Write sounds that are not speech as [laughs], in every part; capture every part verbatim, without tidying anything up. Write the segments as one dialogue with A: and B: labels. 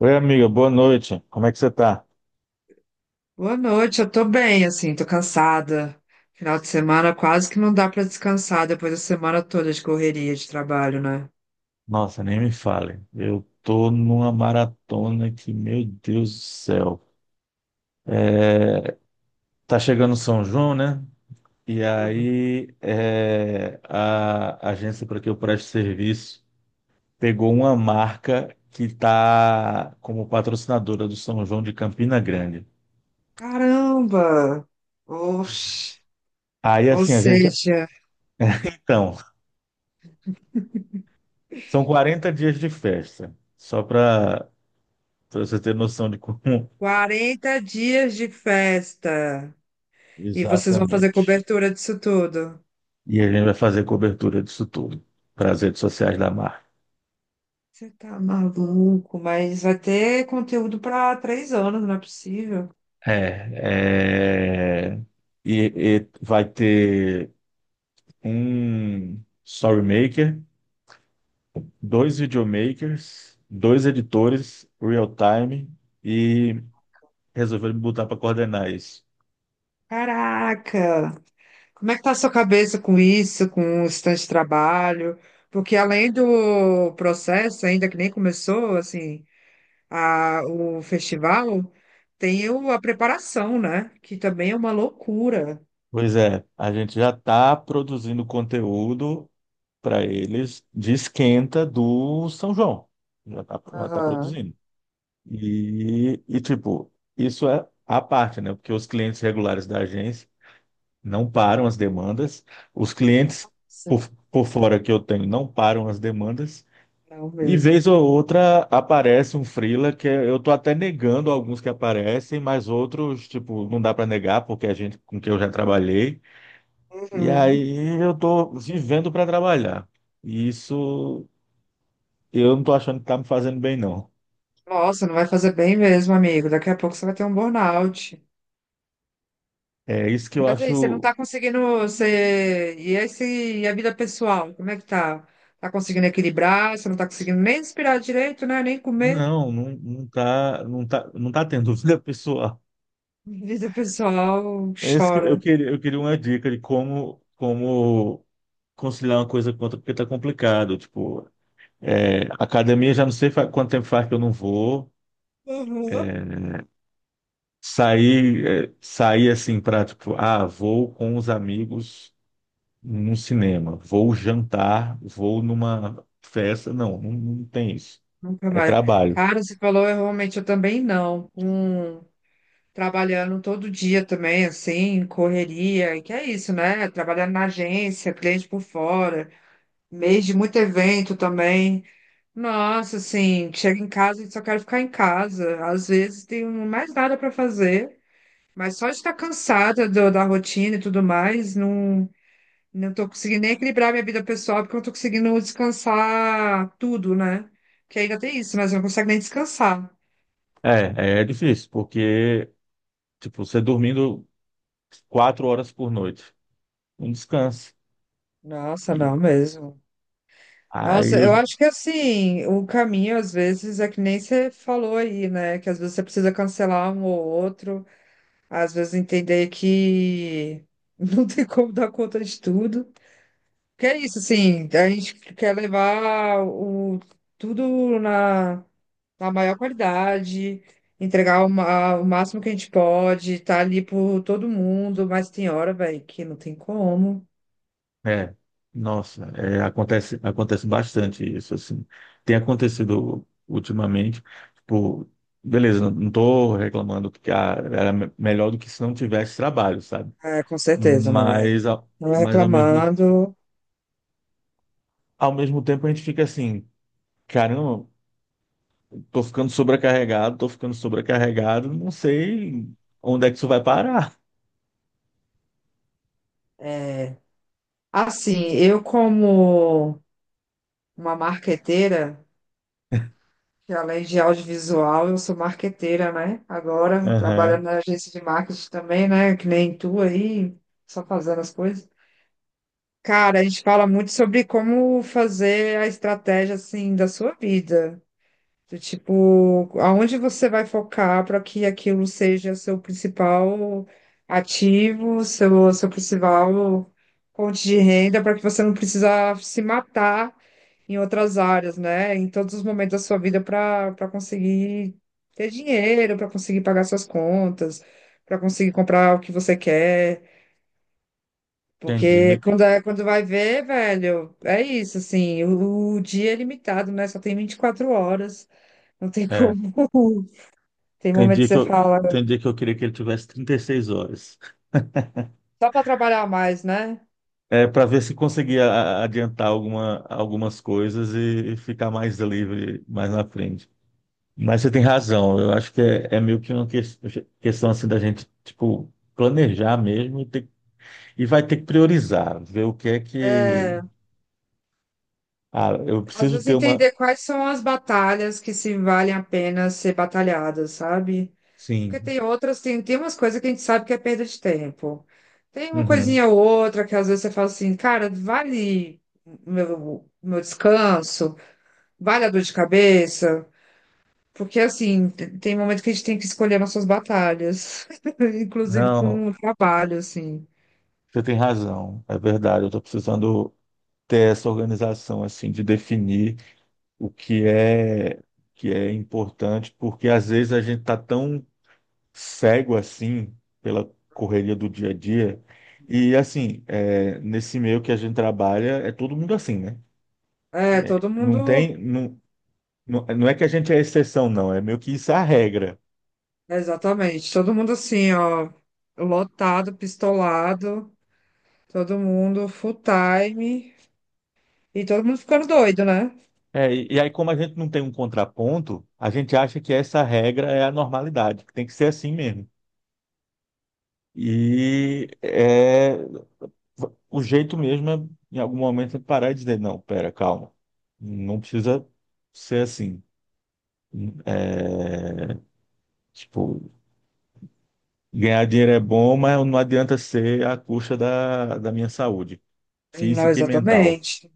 A: Oi, amiga, boa noite. Como é que você tá?
B: Boa noite, eu tô bem, assim, tô cansada. Final de semana quase que não dá pra descansar depois da semana toda de correria de trabalho, né?
A: Nossa, nem me fale. Eu tô numa maratona que, meu Deus do céu. É, tá chegando São João, né? E
B: Hum.
A: aí é, a agência para que eu preste serviço pegou uma marca que tá como patrocinadora do São João de Campina Grande.
B: Caramba!
A: Pois é.
B: Oxe.
A: Aí
B: Ou
A: assim, a gente.
B: seja,
A: Então, são quarenta dias de festa, só para você ter noção de como.
B: quarenta dias de festa
A: [laughs]
B: e vocês vão fazer
A: Exatamente.
B: cobertura disso tudo.
A: E a gente vai fazer cobertura disso tudo para as redes sociais da marca.
B: Você tá maluco, mas vai ter conteúdo pra três anos, não é possível.
A: É, é, e, e vai ter um story maker, dois videomakers, dois editores real time e resolveu me botar para coordenar isso.
B: Caraca! Como é que tá a sua cabeça com isso, com o estante de trabalho? Porque além do processo, ainda que nem começou, assim, a, o festival, tem o- a preparação, né? Que também é uma loucura.
A: Pois é, a gente já está produzindo conteúdo para eles de esquenta do São João. Já está já tá
B: Aham.
A: produzindo. E, e, tipo, isso é a parte, né? Porque os clientes regulares da agência não param as demandas, os clientes
B: Nossa.
A: por, por fora que eu tenho não param as demandas,
B: Não
A: e
B: mesmo.
A: vez ou outra aparece um freela que é, eu tô até negando alguns que aparecem, mas outros, tipo, não dá para negar porque a gente com quem eu já trabalhei, e
B: Uhum.
A: aí eu tô vivendo para trabalhar. E isso eu não tô achando que tá me fazendo bem, não.
B: Nossa, não vai fazer bem mesmo, amigo. Daqui a pouco você vai ter um burnout.
A: É isso que eu
B: Mas aí, você não
A: acho.
B: tá conseguindo, você... E esse, e a vida pessoal, como é que tá? Tá conseguindo equilibrar? Você não tá conseguindo nem respirar direito, né? Nem comer?
A: Não, não, não tá, não tá, não tá tendo [laughs] vida pessoal.
B: [laughs] Vida pessoal,
A: É isso que eu
B: chora.
A: queria, eu queria uma dica de como, como conciliar uma coisa com outra, porque tá complicado. Tipo, é, academia já não sei fa- quanto tempo faz que eu não vou.
B: Uhum.
A: Sair, é, sair assim pra, tipo, ah, vou com os amigos no cinema, vou jantar, vou numa festa. Não, não, não tem isso.
B: Nunca
A: É
B: mais.
A: trabalho.
B: Cara, você falou, eu realmente eu também não. Um, trabalhando todo dia também, assim, correria, e que é isso, né? Trabalhando na agência, cliente por fora, mês de muito evento também. Nossa, assim, chega em casa e só quero ficar em casa. Às vezes tem um, mais nada para fazer, mas só de estar cansada do- da rotina e tudo mais, não, não tô conseguindo nem equilibrar minha vida pessoal, porque eu não tô conseguindo descansar tudo, né? Que ainda tem isso, mas eu não consigo nem descansar.
A: É, é difícil, porque, tipo, você dormindo quatro horas por noite. Um descanso.
B: Nossa,
A: E
B: não mesmo.
A: aí
B: Nossa,
A: eu,
B: eu acho que assim, o caminho às vezes é que nem você falou aí, né? Que às vezes você precisa cancelar um ou outro. Às vezes entender que [laughs] não tem como dar conta de tudo. Que é isso, assim, a gente quer levar o, tudo na, na maior qualidade, entregar o, ma- o máximo que a gente pode, estar ali por todo mundo, mas tem hora, velho, que não tem como.
A: é, nossa, é, acontece, acontece bastante isso, assim. Tem acontecido ultimamente, tipo, beleza, não, não tô reclamando que ah, era me- melhor do que se não tivesse trabalho, sabe?
B: É, com certeza, não é?
A: Mas, a
B: Não é
A: mas ao mesmo,
B: reclamando.
A: ao mesmo tempo a gente fica assim, caramba, tô ficando sobrecarregado, tô ficando sobrecarregado, não sei onde é que isso vai parar.
B: É. Assim, eu como uma marqueteira. Que além de audiovisual, eu sou marqueteira, né? Agora,
A: Aham,
B: trabalhando na agência de marketing também, né? Que nem tu aí, só fazendo as coisas. Cara, a gente fala muito sobre como fazer a estratégia, assim, da sua vida. Do tipo, aonde você vai focar para que aquilo seja seu principal ativo, seu, seu principal fonte de renda, para que você não precisa se matar em outras áreas, né? Em todos os momentos da sua vida para para conseguir ter dinheiro, para conseguir pagar suas contas, para conseguir comprar o que você quer.
A: entendi.
B: Porque
A: Me-
B: quando, é, quando vai ver, velho, é isso, assim, o, o dia é limitado, né? Só tem vinte e quatro horas, não tem
A: é.
B: como. [laughs] Tem
A: Tem
B: momento que
A: dia que
B: você
A: eu,
B: fala,
A: tem dia que eu queria que ele tivesse trinta e seis horas.
B: só para trabalhar mais, né?
A: É, para ver se conseguia a- adiantar alguma, algumas coisas e, e ficar mais livre mais na frente. Mas você tem razão, eu acho que é, é meio que uma que- questão assim da gente, tipo, planejar mesmo e, ter- e vai ter que priorizar, ver o que é que.
B: É,
A: Ah, eu
B: às
A: preciso
B: vezes
A: ter uma.
B: entender quais são as batalhas que se valem a pena ser batalhadas, sabe? Porque
A: Sim.
B: tem outras, tem, tem umas coisas que a gente sabe que é perda de tempo. Tem uma
A: Uhum.
B: coisinha ou outra que às vezes você fala assim, cara, vale o meu, o meu descanso, vale a dor de cabeça. Porque assim, t- tem momento que a gente tem que escolher nossas batalhas, [laughs] inclusive
A: Não,
B: com o trabalho, assim.
A: você tem razão, é verdade, eu estou precisando ter essa organização, assim, de definir o que é que é importante, porque às vezes a gente tá tão cego assim pela correria do dia a dia. E assim, é, nesse meio que a gente trabalha, é todo mundo assim, né?
B: É, todo
A: Não tem,
B: mundo,
A: não, não, não é que a gente é exceção, não, é meio que isso é a regra.
B: exatamente, todo mundo assim, ó, lotado, pistolado. Todo mundo full time e todo mundo ficando doido, né?
A: É, e, e aí, como a gente não tem um contraponto, a gente acha que essa regra é a normalidade, que tem que ser assim mesmo. E é, O jeito mesmo é, em algum momento, é parar e dizer, não, pera, calma. Não precisa ser assim. É, tipo, ganhar dinheiro é bom, mas não adianta ser à custa da, da minha saúde
B: Não,
A: física e mental.
B: exatamente,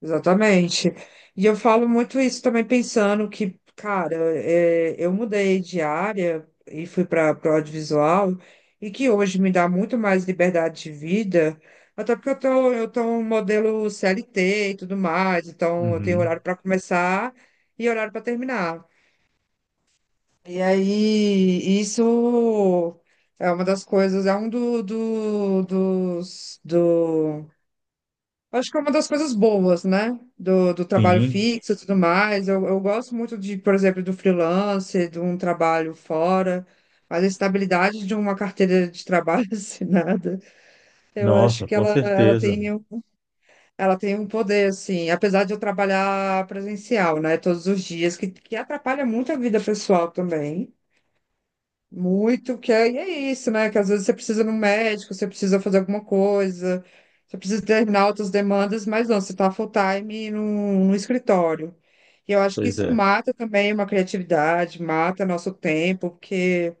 B: exatamente. E eu falo muito isso também pensando que, cara, é, eu mudei de área e fui para o audiovisual e que hoje me dá muito mais liberdade de vida, até porque eu tô, eu tô um modelo C L T e tudo mais, então eu tenho
A: Uhum.
B: horário para começar e horário para terminar. E aí, isso é uma das coisas, é um do, do, dos, do, acho que é uma das coisas boas, né? Do, do trabalho
A: Sim,
B: fixo e tudo mais. Eu, eu gosto muito de, por exemplo, do freelance, de um trabalho fora, mas a estabilidade de uma carteira de trabalho [laughs] assinada, eu acho
A: nossa,
B: que
A: com
B: ela, ela
A: certeza.
B: tem um, ela tem um poder, assim, apesar de eu trabalhar presencial, né? Todos os dias, que, que atrapalha muito a vida pessoal também. Muito, que é, e é isso, né? Que às vezes você precisa ir no médico, você precisa fazer alguma coisa, você precisa terminar outras demandas, mas não, você está full-time no, no escritório. E eu acho que
A: Pois
B: isso
A: é,
B: mata também uma criatividade, mata nosso tempo, porque,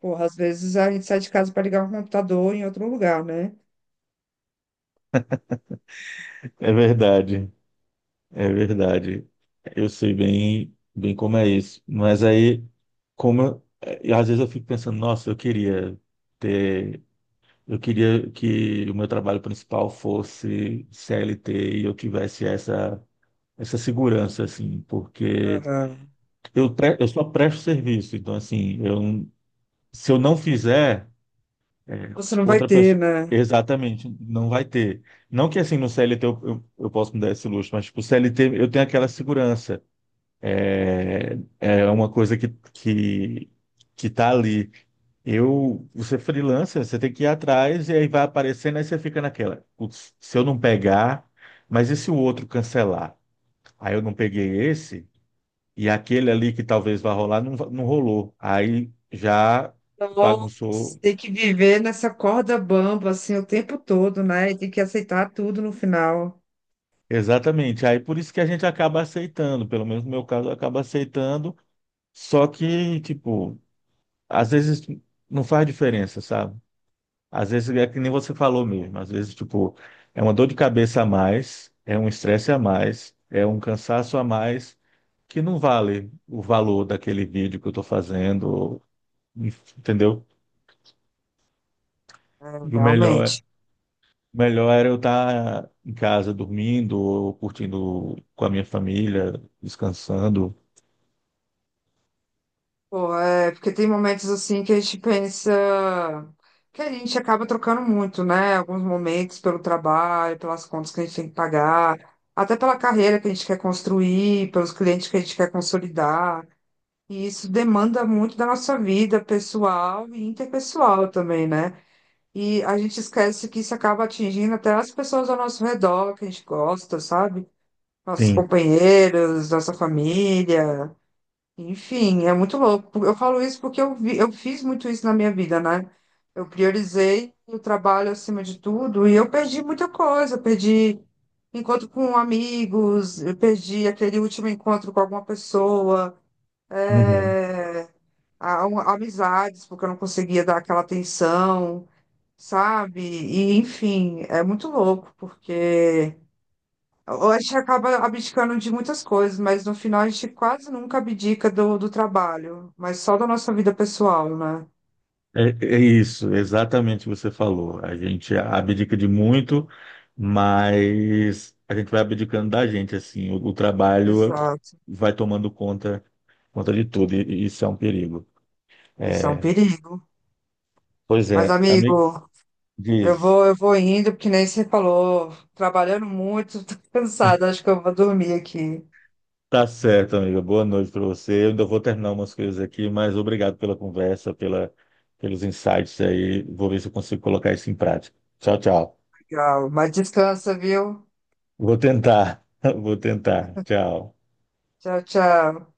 B: porra, às vezes a gente sai de casa para ligar um computador em outro lugar, né?
A: é verdade, é verdade. Eu sei bem, bem como é isso. Mas aí, como eu- eh, às vezes eu fico pensando, nossa, eu queria ter. Eu queria que o meu trabalho principal fosse C L T e eu tivesse essa, essa segurança, assim, porque
B: Aham.
A: eu, pre- eu só presto serviço, então, assim, eu, se eu não fizer, é,
B: Você não
A: tipo,
B: vai
A: outra
B: ter,
A: pessoa,
B: né?
A: exatamente, não vai ter. Não que, assim, no C L T eu, eu, eu posso me dar esse luxo, mas, tipo, C L T eu tenho aquela segurança, é é uma coisa que, que, que tá ali. Eu, você é freelancer, você tem que ir atrás e aí vai aparecendo, aí você fica naquela, "Putz, se eu não pegar, mas e se o outro cancelar? Aí eu não peguei esse e aquele ali que talvez vá rolar não, va- não rolou. Aí já
B: Então,
A: bagunçou.
B: tem que viver nessa corda bamba, assim, o tempo todo, né? E tem que aceitar tudo no final.
A: Exatamente. Aí por isso que a gente acaba aceitando, pelo menos no meu caso, acaba aceitando, só que, tipo, às vezes não faz diferença, sabe? Às vezes é que nem você falou mesmo, às vezes, tipo, é uma dor de cabeça a mais, é um estresse a mais, é um cansaço a mais, que não vale o valor daquele vídeo que eu estou fazendo, entendeu? E o melhor, é-
B: Realmente.
A: o melhor era eu estar em casa dormindo, ou curtindo com a minha família, descansando.
B: Pô, é, porque tem momentos assim que a gente pensa que a gente acaba trocando muito, né? Alguns momentos pelo trabalho, pelas contas que a gente tem que pagar, até pela carreira que a gente quer construir, pelos clientes que a gente quer consolidar. E isso demanda muito da nossa vida pessoal e interpessoal também, né? E a gente esquece que isso acaba atingindo até as pessoas ao nosso redor, que a gente gosta, sabe? Nossos
A: Sim.
B: companheiros, nossa família. Enfim, é muito louco. Eu falo isso porque eu vi, eu fiz muito isso na minha vida, né? Eu priorizei o trabalho acima de tudo e eu perdi muita coisa. Eu perdi encontro com amigos, eu perdi aquele último encontro com alguma pessoa,
A: Uhum.
B: é, a- um- amizades, porque eu não conseguia dar aquela atenção, sabe? E, enfim, é muito louco, porque. A gente acaba abdicando de muitas coisas, mas no final a gente quase nunca abdica do, do trabalho, mas só da nossa vida pessoal, né?
A: É, é isso, exatamente o que você falou. A gente abdica de muito, mas a gente vai abdicando da gente, assim, o, o trabalho
B: Exato.
A: vai tomando conta, conta de tudo, e, e isso é um perigo.
B: Isso é um
A: É,
B: perigo.
A: pois
B: Mas,
A: é, amigo,
B: amigo, eu
A: diz,
B: vou, eu vou indo, porque nem você falou, trabalhando muito, [laughs] tô cansada, acho que eu vou dormir aqui.
A: tá certo, amiga, boa noite para você. Eu ainda vou terminar umas coisas aqui, mas obrigado pela conversa, pela, pelos insights aí. Vou ver se eu consigo colocar isso em prática. Tchau, tchau.
B: Legal. Mas descansa, viu?
A: Vou tentar, [laughs] vou tentar. Tchau.
B: Tchau, tchau.